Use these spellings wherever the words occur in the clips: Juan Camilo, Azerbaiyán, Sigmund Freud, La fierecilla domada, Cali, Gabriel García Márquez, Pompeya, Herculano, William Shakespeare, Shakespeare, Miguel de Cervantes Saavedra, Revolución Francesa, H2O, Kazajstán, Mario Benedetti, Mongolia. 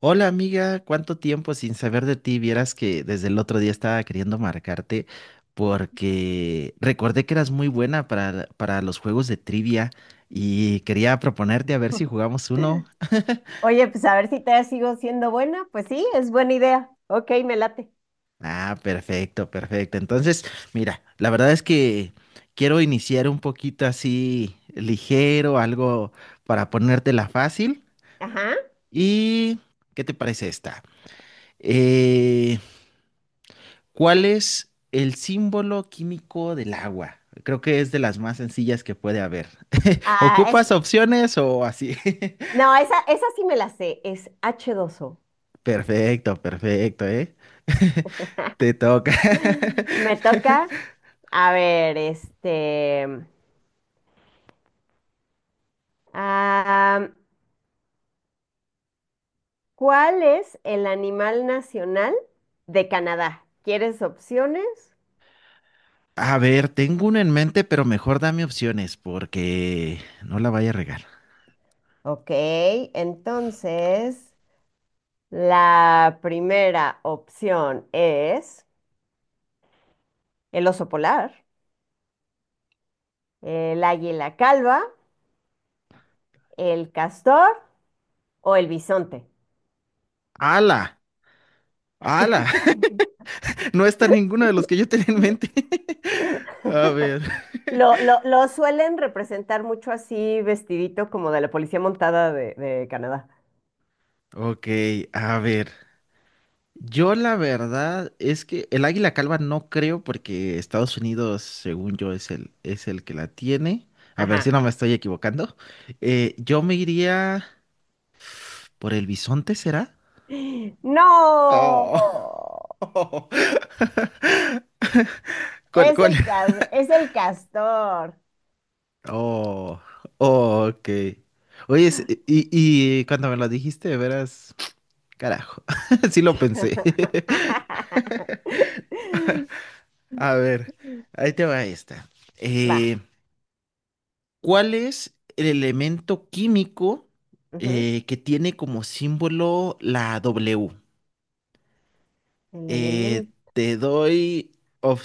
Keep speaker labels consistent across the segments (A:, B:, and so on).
A: Hola amiga, ¿cuánto tiempo sin saber de ti? Vieras que desde el otro día estaba queriendo marcarte porque recordé que eras muy buena para los juegos de trivia y quería proponerte a ver si jugamos uno.
B: Oye, pues a ver si te sigo siendo buena. Pues sí, es buena idea. Ok, me late.
A: Ah, perfecto, perfecto. Entonces, mira, la verdad es que quiero iniciar un poquito así ligero, algo para ponértela fácil.
B: Ajá.
A: ¿Y qué te parece esta? Eh, ¿Cuál es el símbolo químico del agua? Creo que es de las más sencillas que puede haber.
B: Ah, es,
A: ¿Ocupas opciones o así?
B: no, esa sí me la sé. Es H2O.
A: Perfecto, perfecto, ¿eh? Te toca.
B: Me toca. A ver, este. ah, ¿Cuál es el animal nacional de Canadá? ¿Quieres opciones?
A: A ver, tengo uno en mente, pero mejor dame opciones porque no la vaya a regar.
B: Ok, entonces la primera opción es el oso polar, el águila calva, el castor o el bisonte.
A: ¡Ala! ¡Ala! No está ninguno de los que yo tenía en mente. A ver.
B: Lo suelen representar mucho así, vestidito como de la policía montada de Canadá.
A: Ok, a ver. Yo la verdad es que el águila calva no creo porque Estados Unidos, según yo, es el que la tiene. A ver si
B: Ajá.
A: no me estoy equivocando. Yo me iría por el bisonte, ¿será?
B: No,
A: Oh. ¿Cuál, cuál?
B: es el castor.
A: Oh, oh, ok. Oye, y cuando me lo dijiste, verás, carajo, sí lo pensé. A ver, ahí te va esta.
B: Va.
A: Eh, ¿Cuál es el elemento químico
B: Ujú.
A: que tiene como símbolo la W?
B: El elemento.
A: Te doy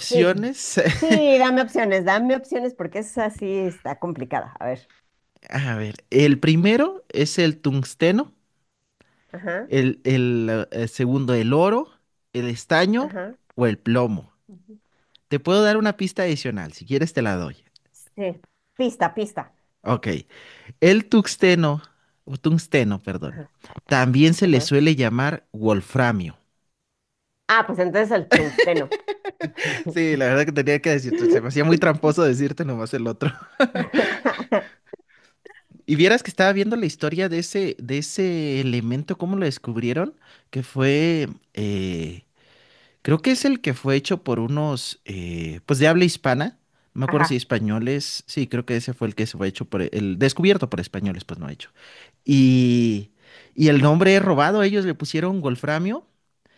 B: Sí, sí, dame opciones porque es así, está complicada. A ver.
A: A ver, el primero es el tungsteno,
B: Ajá,
A: el segundo el oro, el estaño
B: ajá.
A: o el plomo.
B: Ujú.
A: Te puedo dar una pista adicional, si quieres te la doy.
B: Sí. Pista, pista.
A: Ok, el tungsteno, o tungsteno, perdón,
B: Ajá,
A: también se le
B: ajá.
A: suele llamar wolframio.
B: Ah, pues entonces el tungsteno.
A: Sí, la verdad que tenía que decirte, se me hacía muy tramposo decirte nomás el otro. Y vieras que estaba viendo la historia de ese elemento, cómo lo descubrieron, que fue, creo que es el que fue hecho por unos, pues de habla hispana, no me acuerdo si
B: Ajá,
A: españoles, sí, creo que ese fue el que se fue hecho por, el descubierto por españoles, pues no hecho. Y, y el nombre es robado, ellos le pusieron wolframio.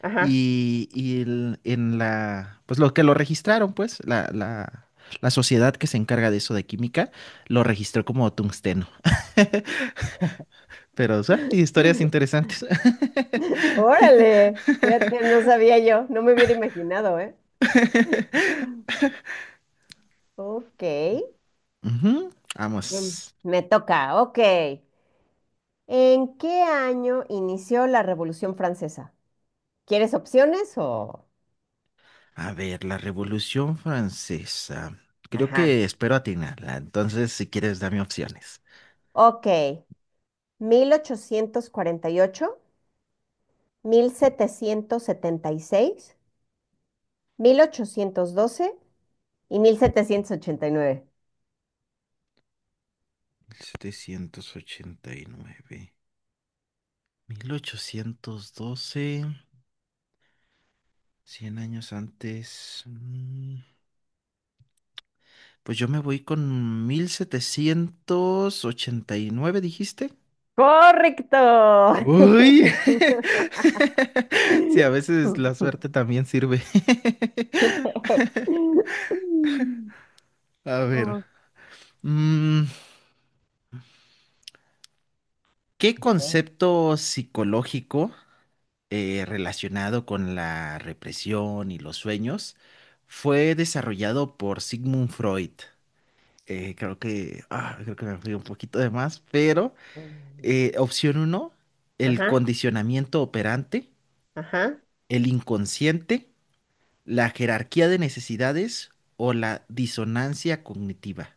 B: ajá.
A: Y en la, pues lo que lo registraron, pues, la sociedad que se encarga de eso de química, lo registró como tungsteno. Pero, o sea, historias interesantes.
B: Órale, fíjate, no sabía yo, no me hubiera imaginado, ¿eh? Ok,
A: Ujú,
B: bien,
A: vamos.
B: me toca, ok. ¿En qué año inició la Revolución Francesa? ¿Quieres opciones o...?
A: A ver, la Revolución Francesa. Creo
B: Ajá,
A: que espero atinarla. Entonces, si quieres, dame opciones.
B: ok. 1848, mil setecientos setenta y seis, 1812 y 1789.
A: Mil setecientos ochenta y nueve, 1812, 100 años antes. Pues yo me voy con 1789, dijiste.
B: Correcto.
A: Uy. Sí, a
B: Ok.
A: veces la suerte también sirve. A ver. mm, ¿Qué concepto psicológico relacionado con la represión y los sueños fue desarrollado por Sigmund Freud? Creo que me fui un poquito de más, pero opción uno, el
B: Ajá,
A: condicionamiento operante,
B: ajá.
A: el inconsciente, la jerarquía de necesidades o la disonancia cognitiva.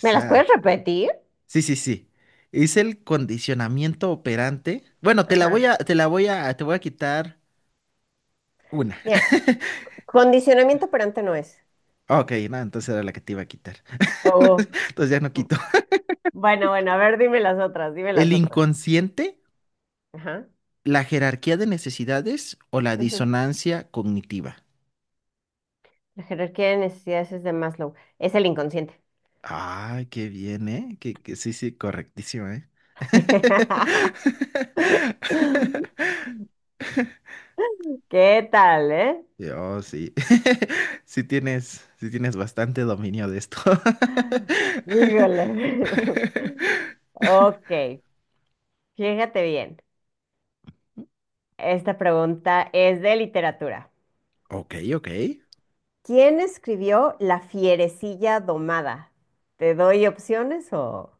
B: ¿Me las puedes repetir?
A: Sí, sí, sí. Es el condicionamiento operante. Bueno,
B: Ajá.
A: te voy a quitar una.
B: Mira, condicionamiento operante no es.
A: Ok, no, entonces era la que te iba a quitar.
B: Oh,
A: Entonces ya no
B: mm,
A: quito.
B: bueno, bueno, a ver, dime las otras, dime
A: El
B: las otras.
A: inconsciente,
B: Ajá.
A: la jerarquía de necesidades o la
B: Ujú.
A: disonancia cognitiva.
B: La jerarquía de necesidades es de Maslow, es el inconsciente.
A: Ay, qué bien, ¿eh? Que sí, sí, correctísimo, ¿eh?
B: ¿Qué tal, eh?
A: Sí, oh, sí. Sí tienes bastante dominio de esto.
B: Híjole. Ok, fíjate bien. Esta pregunta es de literatura.
A: Ok, ok.
B: ¿Quién escribió La fierecilla domada? ¿Te doy opciones o...?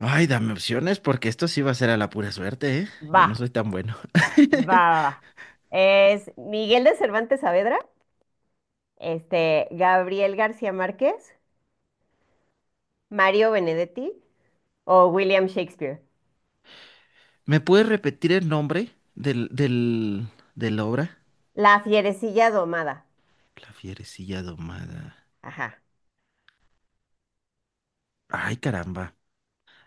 A: Ay, dame opciones porque esto sí va a ser a la pura suerte, ¿eh? Yo
B: Va,
A: no soy tan bueno.
B: va, va, va. Es Miguel de Cervantes Saavedra, este, Gabriel García Márquez, Mario Benedetti o William Shakespeare.
A: ¿Me puedes repetir el nombre de la obra?
B: La fierecilla domada.
A: La fierecilla domada.
B: Ajá.
A: Ay, caramba.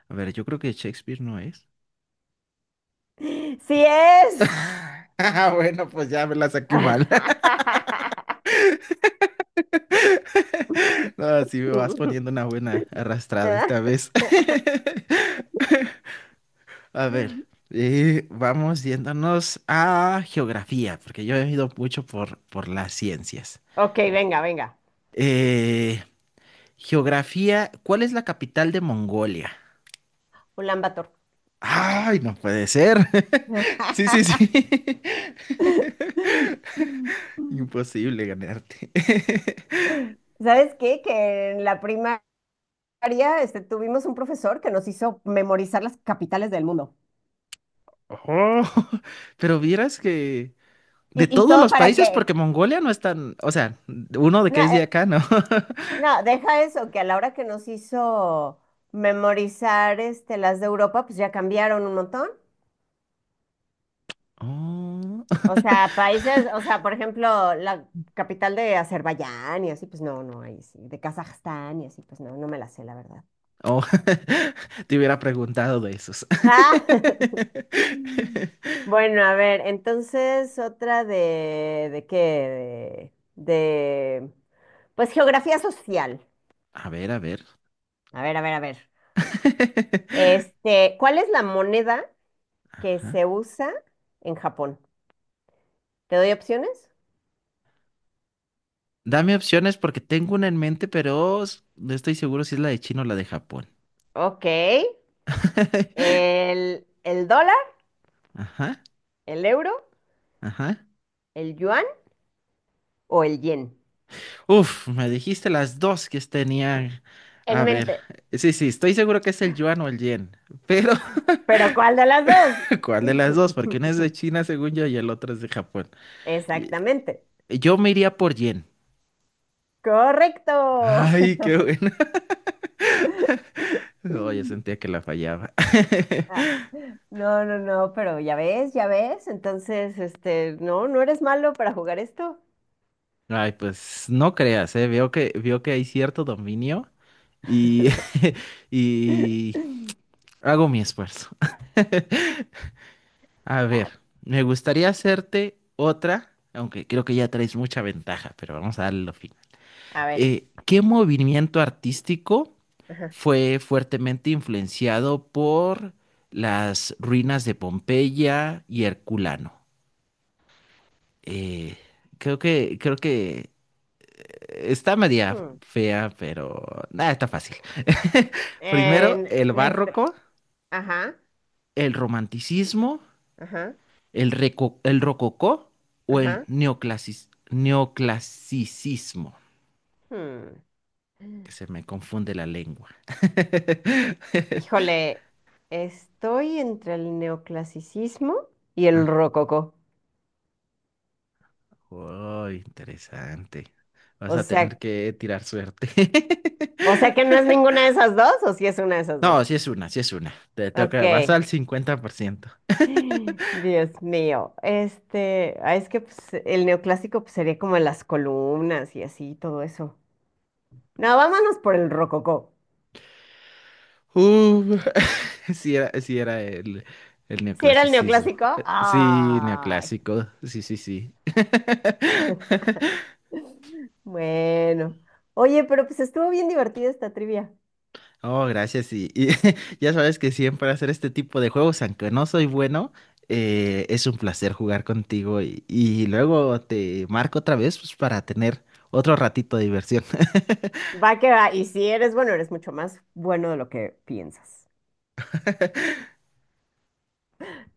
A: A ver, yo creo que Shakespeare no es.
B: ¡Sí es!
A: Ah, bueno, pues ya me la saqué mal. No, sí me vas poniendo una buena arrastrada esta vez. A ver, vamos yéndonos a geografía, porque yo he ido mucho por las ciencias.
B: Ok, venga, venga.
A: Eh, geografía, ¿cuál es la capital de Mongolia?
B: Un lambator.
A: Ay, no puede ser. Sí, sí, sí. Imposible ganarte.
B: ¿Sabes qué? Que en la primaria, este, tuvimos un profesor que nos hizo memorizar las capitales del mundo.
A: Oh, pero vieras que de
B: Y
A: todos
B: todo
A: los
B: para
A: países, porque
B: qué?
A: Mongolia no es tan, o sea, uno de
B: No,
A: que es de acá, ¿no?
B: no, deja eso, que a la hora que nos hizo memorizar este, las de Europa, pues ya cambiaron un montón.
A: Oh.
B: O sea, países, o sea, por ejemplo, la capital de Azerbaiyán y así, pues no, no, ahí sí, de Kazajstán y así, pues no, no me la sé, la verdad.
A: Oh, te hubiera preguntado de esos.
B: Ah, bueno, a ver, entonces otra ¿de qué? De, pues geografía social.
A: A ver, a ver.
B: A ver, a ver, a ver. Este, ¿cuál es la moneda que
A: Ajá.
B: se usa en Japón? ¿Te doy opciones?
A: Dame opciones porque tengo una en mente, pero no estoy seguro si es la de China o la de Japón.
B: Ok. ¿El dólar,
A: Ajá,
B: el euro,
A: ajá.
B: el yuan o el yen?
A: Uf, me dijiste las dos que tenían. A
B: En
A: ver,
B: mente.
A: sí, sí, estoy seguro que es el yuan o el yen, pero
B: ¿Pero cuál de las dos?
A: ¿cuál de las dos? Porque una es de China, según yo, y el otro es de Japón. Y-
B: Exactamente.
A: Yo me iría por yen.
B: Correcto.
A: Ay, qué bueno. Oye, sentía que la fallaba.
B: Ah, no, no, no, pero ya ves, ya ves. Entonces, este, no, no eres malo para jugar esto.
A: Ay, pues no creas, eh. Veo que hay cierto dominio y, y hago mi esfuerzo. A
B: Ah,
A: ver, me gustaría hacerte otra, aunque creo que ya traes mucha ventaja, pero vamos a darle lo fin.
B: a ver.
A: ¿Qué movimiento artístico
B: Ajá.
A: fue fuertemente influenciado por las ruinas de Pompeya y Herculano? Eh, creo que está media
B: Hmm.
A: fea, pero nada, está fácil. Primero,
B: En,
A: el
B: en este-
A: barroco,
B: Ajá,
A: el romanticismo,
B: ajá,
A: el rococó o el
B: ajá.
A: neoclasicismo.
B: Hmm.
A: Que se me confunde la lengua.
B: Híjole, estoy entre el neoclasicismo y el
A: Ah,
B: rococó.
A: oh, interesante. Vas
B: O
A: a tener
B: sea,
A: que tirar suerte.
B: o sea que no es ninguna de esas dos, o si es una de esas
A: No,
B: dos.
A: sí es una, sí es una. Te
B: Ok.
A: toca, vas al 50%.
B: Dios mío. Este, ah, es que pues, el neoclásico pues, sería como las columnas y así, todo eso. No, vámonos por el rococó.
A: Uh, sí era el
B: ¿Si era el
A: neoclasicismo.
B: neoclásico?
A: Sí,
B: Ay,
A: neoclásico. Sí, sí, sí.
B: bueno. Oye, pero pues estuvo bien divertida esta trivia.
A: Oh, gracias. Y ya sabes que siempre hacer este tipo de juegos, aunque no soy bueno, es un placer jugar contigo. Y luego te marco otra vez, pues, para tener otro ratito de diversión.
B: Va que va. Y si eres bueno, eres mucho más bueno de lo que piensas.